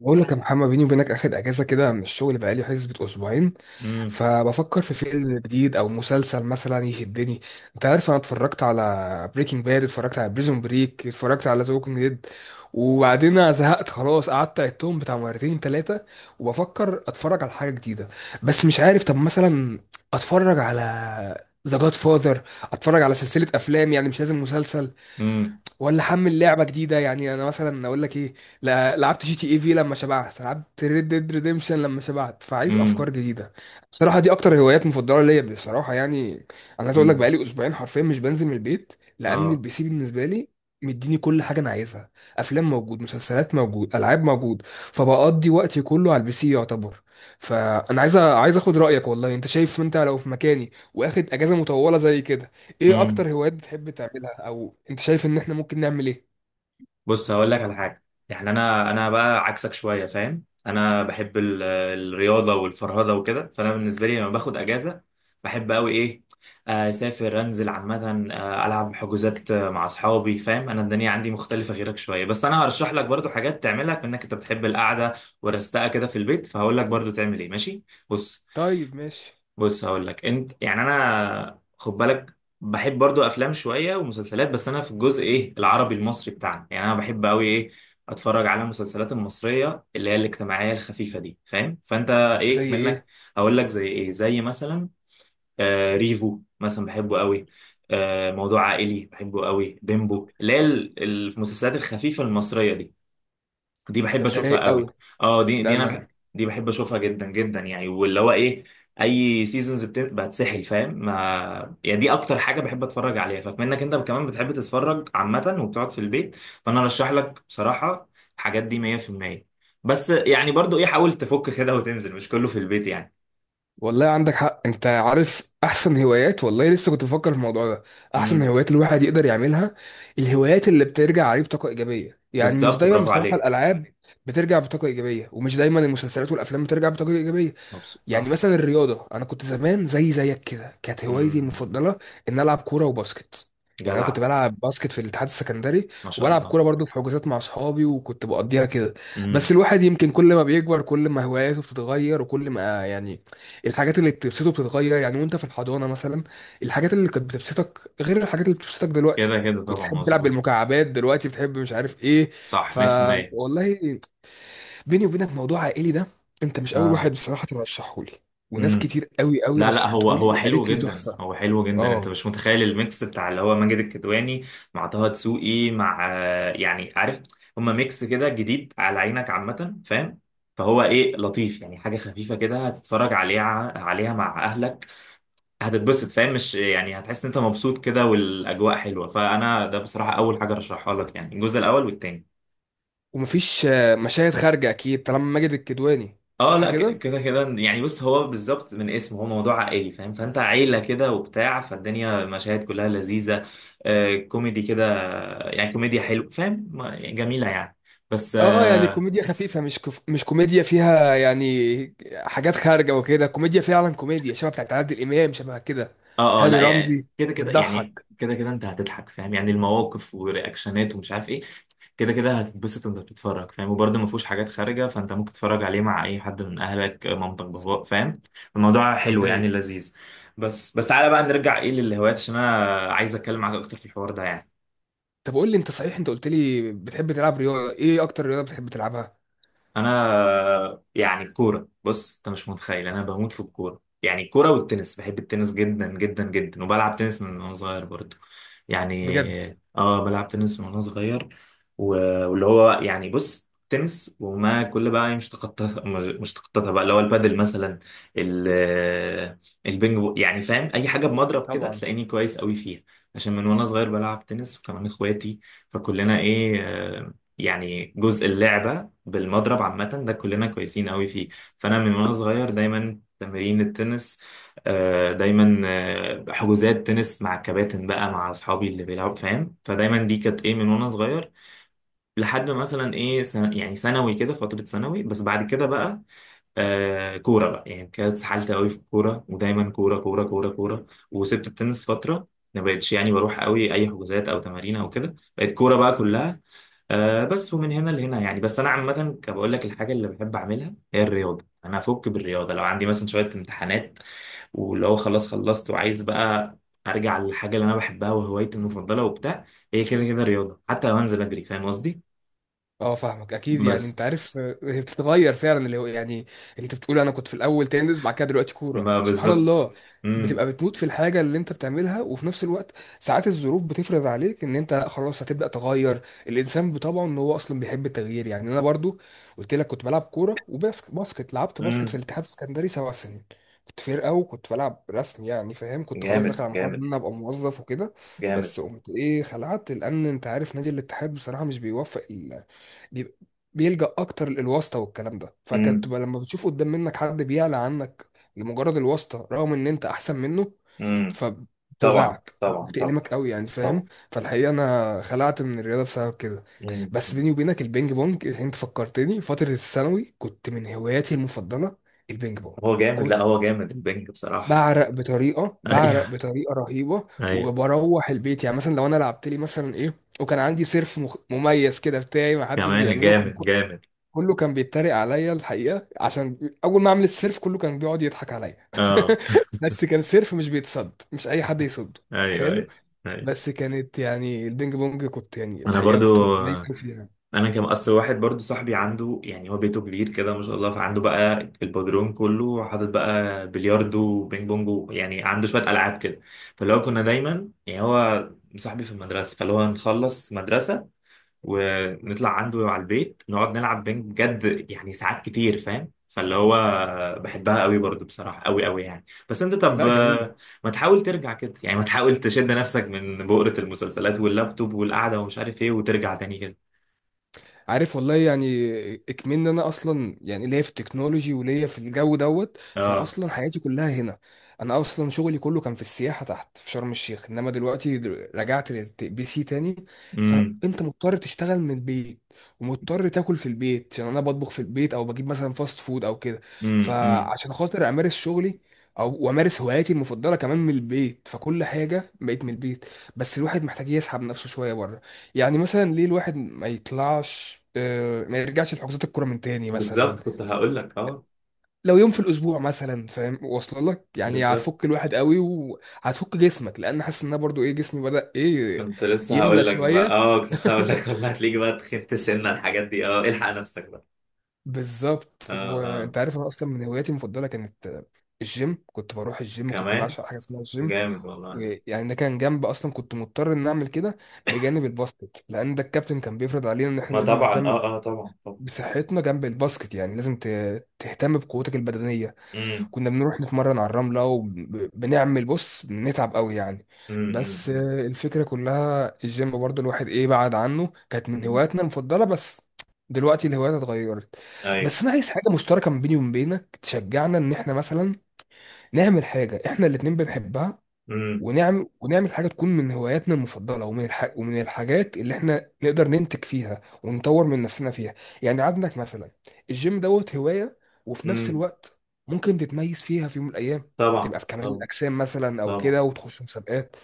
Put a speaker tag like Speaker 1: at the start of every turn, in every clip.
Speaker 1: بقول لك يا محمد، بيني وبينك اخد اجازه كده من الشغل بقالي حسبة اسبوعين.
Speaker 2: امم.
Speaker 1: فبفكر في فيلم جديد او مسلسل مثلا يشدني. انت عارف انا اتفرجت على بريكنج باد، اتفرجت على بريزون بريك، اتفرجت على ذا ووكينج ديد، وبعدين أنا زهقت خلاص، قعدت عدتهم بتاع مرتين ثلاثه. وبفكر اتفرج على حاجه جديده بس مش عارف. طب مثلا اتفرج على ذا جاد فاذر، اتفرج على سلسله افلام، يعني مش لازم مسلسل.
Speaker 2: امم.
Speaker 1: ولا حمل لعبه جديده، يعني انا مثلا اقول لك ايه، لعبت جي تي اي في لما شبعت، لعبت ريد ديد ريديمشن لما شبعت، فعايز افكار
Speaker 2: امم.
Speaker 1: جديده. بصراحه دي اكتر هوايات مفضله ليا بصراحه يعني. انا عايز اقول لك
Speaker 2: امم.
Speaker 1: بقالي اسبوعين حرفيا مش بنزل من البيت، لان
Speaker 2: اه.
Speaker 1: البي سي بالنسبه لي مديني كل حاجه انا عايزها. افلام موجود، مسلسلات موجود، العاب موجود، فبقضي وقتي كله على البي سي يعتبر. فانا عايز عايز اخد رايك، والله انت شايف انت لو في مكاني واخد اجازه مطوله زي كده ايه
Speaker 2: امم.
Speaker 1: اكتر هوايات بتحب تعملها، او انت شايف ان احنا ممكن نعمل ايه؟
Speaker 2: بص هقول لك على حاجه، يعني انا بقى عكسك شويه فاهم. انا بحب الرياضه والفرهده وكده، فانا بالنسبه لي لما باخد اجازه بحب قوي ايه، اسافر انزل عامه، العب حجوزات مع اصحابي فاهم. انا الدنيا عندي مختلفه غيرك شويه، بس انا هرشح لك برضو حاجات تعملها بانك انت بتحب القعده والرستقه كده في البيت، فهقول لك برضو تعمل ايه ماشي. بص.
Speaker 1: طيب ماشي.
Speaker 2: بص هقول لك انت، يعني انا خد بالك بحب برضو افلام شويه ومسلسلات، بس انا في الجزء ايه العربي المصري بتاعنا يعني انا بحب قوي ايه اتفرج على المسلسلات المصريه اللي هي الاجتماعيه الخفيفه دي فاهم، فانت ايه
Speaker 1: زي
Speaker 2: منك؟
Speaker 1: ايه؟
Speaker 2: هقول لك زي ايه، زي مثلا آه ريفو مثلا بحبه قوي، آه موضوع عائلي بحبه قوي بيمبو، اللي هي
Speaker 1: آه،
Speaker 2: المسلسلات الخفيفه المصريه دي، دي بحب
Speaker 1: طب ده
Speaker 2: اشوفها
Speaker 1: رايق قوي.
Speaker 2: قوي. اه،
Speaker 1: لا انا
Speaker 2: دي بحب اشوفها جدا جدا يعني، واللي هو ايه اي سيزونز بتسحل فاهم ما يعني، دي اكتر حاجه بحب اتفرج عليها، فبما انك انت كمان بتحب تتفرج عامه وبتقعد في البيت فانا ارشح لك بصراحه الحاجات دي 100%. بس يعني برضو ايه حاول تفك كده وتنزل مش كله في البيت يعني.
Speaker 1: والله عندك حق. انت عارف احسن هوايات؟ والله لسه كنت بفكر في الموضوع ده. احسن
Speaker 2: امم.
Speaker 1: هوايات الواحد يقدر يعملها الهوايات اللي بترجع عليه بطاقة ايجابية، يعني مش
Speaker 2: بالظبط،
Speaker 1: دايما
Speaker 2: برافو
Speaker 1: بصراحة
Speaker 2: عليك.
Speaker 1: الالعاب بترجع بطاقة ايجابية، ومش دايما المسلسلات والافلام بترجع بطاقة ايجابية.
Speaker 2: مبسوط
Speaker 1: يعني
Speaker 2: صح.
Speaker 1: مثلا الرياضة، أنا كنت زمان زي زيك كده، كانت هوايتي
Speaker 2: امم.
Speaker 1: المفضلة إن ألعب كورة وباسكت. يعني أنا
Speaker 2: جدع.
Speaker 1: كنت بلعب باسكت في الاتحاد السكندري،
Speaker 2: ما شاء
Speaker 1: وبلعب
Speaker 2: الله.
Speaker 1: كورة برضو في حجوزات مع أصحابي، وكنت بقضيها كده. بس
Speaker 2: امم.
Speaker 1: الواحد يمكن كل ما بيكبر كل ما هواياته بتتغير، وكل ما يعني الحاجات اللي بتبسطه بتتغير. يعني وأنت في الحضانة مثلا الحاجات اللي كانت بتبسطك غير الحاجات اللي بتبسطك دلوقتي.
Speaker 2: كده كده
Speaker 1: كنت
Speaker 2: طبعا
Speaker 1: تحب تلعب
Speaker 2: مظبوط.
Speaker 1: بالمكعبات، دلوقتي بتحب مش عارف إيه.
Speaker 2: صح 100%.
Speaker 1: فوالله بيني وبينك موضوع عائلي ده انت مش اول
Speaker 2: اه.
Speaker 1: واحد بصراحه ترشحه لي، وناس
Speaker 2: امم.
Speaker 1: كتير قوي قوي
Speaker 2: لا لا، هو
Speaker 1: رشحته
Speaker 2: هو
Speaker 1: لي
Speaker 2: حلو
Speaker 1: وقالت لي
Speaker 2: جدا،
Speaker 1: تحفه.
Speaker 2: هو حلو جدا، انت
Speaker 1: اه.
Speaker 2: مش متخيل الميكس بتاع اللي هو ماجد الكدواني مع طه دسوقي مع يعني عارف، هما ميكس كده جديد على عينك عامة فاهم. فهو ايه لطيف يعني حاجة خفيفة كده هتتفرج عليها مع اهلك هتتبسط فاهم، مش يعني هتحس ان انت مبسوط كده والاجواء حلوة، فانا ده بصراحة اول حاجة رشحها لك يعني، الجزء الاول والتاني.
Speaker 1: ومفيش مشاهد خارجه اكيد طالما ماجد الكدواني؟
Speaker 2: اه
Speaker 1: صح
Speaker 2: لا،
Speaker 1: كده.
Speaker 2: كده كده يعني بص، هو بالظبط من اسمه هو موضوع عائلي فاهم، فانت عيلة كده وبتاع، فالدنيا مشاهد كلها لذيذة. آه كوميدي كده، يعني كوميديا حلو فاهم يعني جميلة يعني بس.
Speaker 1: اه يعني كوميديا خفيفه، مش مش كوميديا فيها يعني حاجات خارجه وكده، كوميديا فعلا، كوميديا شبه بتاعت عادل امام شبه كده،
Speaker 2: اه اه
Speaker 1: هاني
Speaker 2: لا يعني
Speaker 1: رمزي،
Speaker 2: كده كده يعني
Speaker 1: بتضحك.
Speaker 2: كده كده انت هتضحك فاهم، يعني المواقف ورياكشنات ومش عارف ايه. كده كده هتتبسط وانت بتتفرج فاهم، وبرده ما فيهوش حاجات خارجه فانت ممكن تتفرج عليه مع اي حد من اهلك، مامتك باباك فاهم. الموضوع
Speaker 1: طب
Speaker 2: حلو يعني
Speaker 1: رايق.
Speaker 2: لذيذ. بس بس تعالى بقى نرجع ايه للهوايات، عشان انا عايز اتكلم معاك اكتر في الحوار ده يعني.
Speaker 1: طب قول لي انت، صحيح انت قلت لي بتحب تلعب رياضه، ايه اكتر رياضه بتحب تلعبها؟
Speaker 2: انا يعني الكوره، بص انت مش متخيل انا بموت في الكوره، يعني الكوره والتنس، بحب التنس جدا جدا جدا، وبلعب تنس من وانا صغير برضو،
Speaker 1: بجد؟
Speaker 2: يعني اه بلعب تنس من وانا صغير. واللي هو يعني بص تنس وما كل بقى مش تخطط مش تخططها بقى اللي هو البادل مثلا، ال- البينج يعني فاهم اي حاجه بمضرب كده
Speaker 1: طبعا.
Speaker 2: تلاقيني كويس قوي فيها. عشان من وانا صغير بلعب تنس وكمان اخواتي، فكلنا ايه يعني جزء اللعبه بالمضرب عامة ده كلنا كويسين قوي فيه. فأنا من وأنا صغير دايما تمارين التنس، دايما حجوزات تنس مع الكباتن بقى مع أصحابي اللي بيلعبوا فاهم، فدايما دي كانت إيه من وأنا صغير لحد مثلا إيه يعني ثانوي كده، فترة ثانوي. بس بعد كده بقى آه كورة بقى، يعني كانت اتسحلت قوي في الكورة، ودايما كورة كورة كورة كورة، وسبت التنس فترة. ما بقتش يعني بروح قوي أي حجوزات أو تمارين أو كده، بقت كورة بقى كلها. آه بس، ومن هنا لهنا يعني بس، انا عامه بقول لك الحاجه اللي بحب اعملها هي الرياضه، انا افك بالرياضه لو عندي مثلا شويه امتحانات، واللي هو خلاص خلصت وعايز بقى ارجع للحاجه اللي انا بحبها وهوايتي المفضله وبتاع، هي كده كده الرياضه حتى لو هنزل اجري فاهم قصدي.
Speaker 1: اه فاهمك اكيد. يعني
Speaker 2: بس.
Speaker 1: انت عارف هي بتتغير فعلا، اللي هو يعني انت بتقول انا كنت في الاول تنس، بعد كده دلوقتي كوره،
Speaker 2: ما
Speaker 1: سبحان
Speaker 2: بالظبط.
Speaker 1: الله.
Speaker 2: امم.
Speaker 1: بتبقى بتموت في الحاجه اللي انت بتعملها، وفي نفس الوقت ساعات الظروف بتفرض عليك ان انت لا خلاص هتبدا تغير. الانسان طبعا ان هو اصلا بيحب التغيير. يعني انا برضو قلت لك كنت بلعب كوره وباسكت. باسكت لعبت باسكت في
Speaker 2: امم.
Speaker 1: الاتحاد السكندري 7 سنين. كنت فرقه وكنت بلعب رسم، يعني فاهم، كنت خلاص داخل
Speaker 2: جامد
Speaker 1: على مرحله ان
Speaker 2: جامد.
Speaker 1: انا ابقى موظف وكده.
Speaker 2: جامد.
Speaker 1: بس قمت ايه، خلعت. لان انت عارف نادي الاتحاد بصراحه مش بيوفق، بيبقى- بيلجأ اكتر للواسطة والكلام ده، فكانت
Speaker 2: امم.
Speaker 1: تبقى لما بتشوف قدام منك حد بيعلى عنك لمجرد الواسطة رغم ان انت احسن منه،
Speaker 2: امم. طبعا
Speaker 1: فبتوجعك
Speaker 2: طبعا طبعا.
Speaker 1: بتألمك قوي يعني
Speaker 2: طبعا.
Speaker 1: فاهم. فالحقيقة انا خلعت من الرياضة بسبب كده.
Speaker 2: امم.
Speaker 1: بس بيني وبينك البينج بونج انت فكرتني، فترة الثانوي كنت من هواياتي المفضلة البينج بونج.
Speaker 2: هو جامد، لا
Speaker 1: كنت
Speaker 2: هو جامد البنج بصراحه.
Speaker 1: بعرق بطريقة، بعرق
Speaker 2: ايوه.
Speaker 1: بطريقة رهيبة،
Speaker 2: ايوه.
Speaker 1: وبروح البيت. يعني مثلا لو انا لعبت لي مثلا ايه، وكان عندي سيرف مميز كده بتاعي ما حدش
Speaker 2: كمان
Speaker 1: بيعمله،
Speaker 2: جامد جامد.
Speaker 1: كله كان بيتريق عليا الحقيقه، عشان اول ما اعمل السيرف كله كان بيقعد يضحك عليا.
Speaker 2: اه.
Speaker 1: بس كان سيرف مش بيتصد، مش اي حد يصده.
Speaker 2: ايوه
Speaker 1: حلو.
Speaker 2: ايوه. ايوه.
Speaker 1: بس كانت يعني البينج بونج كنت يعني
Speaker 2: انا
Speaker 1: الحقيقه كنت
Speaker 2: برضو.
Speaker 1: متميز قوي فيها.
Speaker 2: انا كان اصل واحد برضو صاحبي عنده، يعني هو بيته كبير كده ما شاء الله، فعنده بقى البدروم كله حاطط بقى بلياردو وبينج بونج، يعني عنده شويه العاب كده. فاللي هو كنا دايما يعني هو صاحبي في المدرسه، فاللي هو نخلص مدرسه ونطلع عنده على البيت نقعد نلعب بينج بجد يعني ساعات كتير فاهم، فاللي هو بحبها قوي برضو بصراحة قوي قوي يعني. بس انت طب
Speaker 1: لا جميله.
Speaker 2: ما تحاول ترجع كده يعني، ما تحاول تشد نفسك من بؤرة المسلسلات واللابتوب والقعدة ومش عارف ايه وترجع تاني كده.
Speaker 1: عارف والله يعني اكمن إن انا اصلا يعني ليا في التكنولوجي وليا في الجو دوت،
Speaker 2: اه.
Speaker 1: فاصلا حياتي كلها هنا. انا اصلا شغلي كله كان في السياحه تحت في شرم الشيخ، انما دلوقتي رجعت للبي سي تاني.
Speaker 2: امم.
Speaker 1: فانت مضطر تشتغل من البيت، ومضطر تاكل في البيت، عشان انا بطبخ في البيت او بجيب مثلا فاست فود او كده.
Speaker 2: امم. امم.
Speaker 1: فعشان خاطر امارس شغلي او وامارس هواياتي المفضله كمان من البيت، فكل حاجه بقيت من البيت. بس الواحد محتاج يسحب نفسه شويه بره. يعني مثلا ليه الواحد ما يطلعش، ما يرجعش لحجوزات الكوره من تاني مثلا،
Speaker 2: بالظبط كنت هقول لك اه.
Speaker 1: لو يوم في الاسبوع مثلا، فاهم واصله لك يعني،
Speaker 2: بالظبط
Speaker 1: هتفك الواحد قوي وهتفك جسمك، لان حاسس ان أنا برضو ايه جسمي بدأ ايه،
Speaker 2: كنت لسه
Speaker 1: يملى
Speaker 2: هقول لك بقى
Speaker 1: شويه.
Speaker 2: اه، كنت لسه هقول لك والله هتلاقيك بقى تخنت سنة الحاجات دي، اه الحق نفسك بقى. اه.
Speaker 1: بالظبط.
Speaker 2: اه.
Speaker 1: وانت عارف انا اصلا من هواياتي المفضله كانت الجيم. كنت بروح الجيم، كنت
Speaker 2: كمان
Speaker 1: بعشق حاجه اسمها الجيم.
Speaker 2: جامد والله.
Speaker 1: يعني ده كان جنب، اصلا كنت مضطر ان اعمل كده بجانب الباسكت، لان ده الكابتن كان بيفرض علينا ان احنا
Speaker 2: ما
Speaker 1: لازم
Speaker 2: طبعا
Speaker 1: نهتم
Speaker 2: اه اه طبعا طبعا.
Speaker 1: بصحتنا جنب الباسكت. يعني لازم تهتم بقوتك البدنية.
Speaker 2: امم.
Speaker 1: كنا بنروح نتمرن على الرملة وبنعمل بص بنتعب قوي يعني.
Speaker 2: امم.
Speaker 1: بس
Speaker 2: امم.
Speaker 1: الفكرة كلها الجيم برضه الواحد ايه بعد عنه، كانت من
Speaker 2: أمم.
Speaker 1: هواياتنا المفضلة بس. دلوقتي الهوايات اتغيرت.
Speaker 2: ايوه.
Speaker 1: بس انا عايز حاجة مشتركة ما بيني وما بينك تشجعنا ان احنا مثلا نعمل حاجة احنا الاتنين بنحبها،
Speaker 2: امم.
Speaker 1: ونعمل ونعمل حاجة تكون من هواياتنا المفضلة ومن ومن الحاجات اللي احنا نقدر ننتج فيها ونطور من نفسنا فيها. يعني عندك مثلا الجيم دوت هواية، وفي نفس
Speaker 2: امم.
Speaker 1: الوقت ممكن تتميز فيها في يوم من الأيام،
Speaker 2: طبعا
Speaker 1: تبقى في كمال
Speaker 2: طبعا
Speaker 1: الأجسام مثلا أو
Speaker 2: طبعا.
Speaker 1: كده وتخش مسابقات.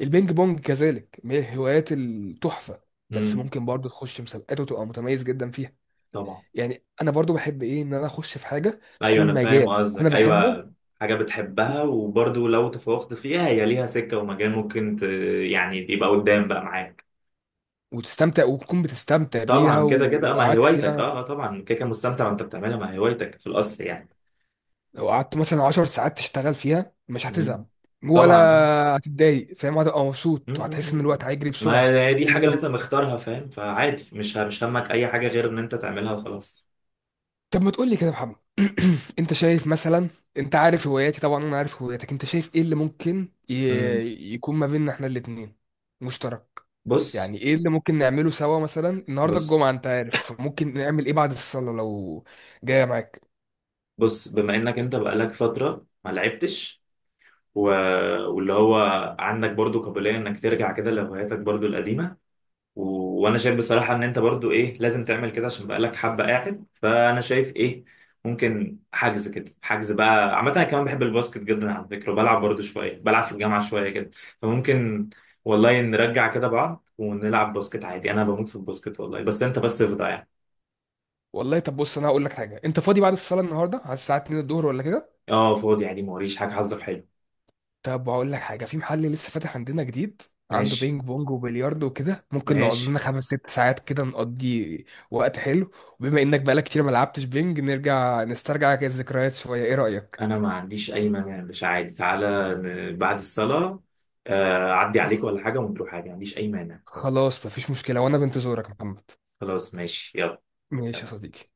Speaker 1: البينج بونج كذلك من الهوايات التحفة، بس
Speaker 2: امم.
Speaker 1: ممكن برضه تخش مسابقات وتبقى متميز جدا فيها.
Speaker 2: طبعا.
Speaker 1: يعني أنا برضه بحب إيه إن أنا أخش في حاجة
Speaker 2: ايوه
Speaker 1: تكون
Speaker 2: انا فاهم
Speaker 1: مجال أنا
Speaker 2: قصدك
Speaker 1: بحبه،
Speaker 2: ايوه. حاجه بتحبها، وبرضو لو تفوقت فيها هي ليها سكه ومجال ممكن يعني يبقى قدام بقى معاك.
Speaker 1: وتستمتع وتكون بتستمتع بيها
Speaker 2: طبعا كده كده
Speaker 1: ولو
Speaker 2: ما هي
Speaker 1: قعدت
Speaker 2: هوايتك اه
Speaker 1: فيها.
Speaker 2: طبعا كده كده مستمتع وانت بتعملها، ما هي هوايتك في الاصل يعني.
Speaker 1: لو قعدت مثلا 10 ساعات تشتغل فيها مش
Speaker 2: امم.
Speaker 1: هتزهق ولا
Speaker 2: طبعا اه.
Speaker 1: هتتضايق، فاهم، هتبقى مبسوط
Speaker 2: أمم، أمم، أمم.
Speaker 1: وهتحس ان الوقت
Speaker 2: امم.
Speaker 1: هيجري
Speaker 2: ما
Speaker 1: بسرعه.
Speaker 2: هي دي
Speaker 1: غير
Speaker 2: الحاجه اللي انت
Speaker 1: لما
Speaker 2: مختارها فاهم، فعادي مش همك اي حاجه غير ان انت تعملها وخلاص.
Speaker 1: طب ما تقول لي كده يا محمد. انت شايف مثلا، انت عارف هواياتي طبعا، انا عارف هواياتك، انت شايف ايه اللي ممكن
Speaker 2: امم.
Speaker 1: يكون ما بيننا احنا الاتنين مشترك؟
Speaker 2: بص.
Speaker 1: يعني ايه اللي ممكن نعمله سوا مثلا النهارده
Speaker 2: بص.
Speaker 1: الجمعه، انت عارف ممكن نعمل ايه بعد الصلاه لو جايه معاك؟
Speaker 2: بص، بما انك انت بقالك فترة ما لعبتش و... واللي هو عندك برضو قابلية انك ترجع كده لهواياتك برضو القديمة، و... وانا شايف بصراحة ان انت برضو ايه لازم تعمل كده عشان بقالك حبة قاعد، فانا شايف ايه ممكن حجز كده، حجز بقى عامة، انا كمان بحب الباسكت جدا على فكرة، وبلعب برضو شوية بلعب في الجامعة شوية كده، فممكن والله نرجع كده بعض ونلعب باسكت عادي، انا بموت في الباسكت والله، بس انت بس افضى يعني.
Speaker 1: والله طب بص انا هقول لك حاجه. انت فاضي بعد الصلاه النهارده على الساعه 2 الظهر ولا كده؟
Speaker 2: اه فاضي عادي، موريش حاجة، حظك حلو.
Speaker 1: طب هقول لك حاجة، في محل لسه فاتح عندنا جديد، عنده
Speaker 2: ماشي.
Speaker 1: بينج بونج وبلياردو وكده، ممكن نقعد
Speaker 2: ماشي.
Speaker 1: لنا 5 6 ساعات كده نقضي وقت حلو. وبما انك بقالك كتير ما لعبتش بينج، نرجع نسترجع كده الذكريات شوية، ايه رأيك؟
Speaker 2: انا ما عنديش اي مانع مش عادي تعالى بعد الصلاة، اعدي عليك ولا حاجة ونروح حاجة، ما عنديش اي مانع.
Speaker 1: خلاص مفيش مشكلة، وانا بنتظرك يا محمد.
Speaker 2: خلاص ماشي يلا.
Speaker 1: ماشي يا صديقي.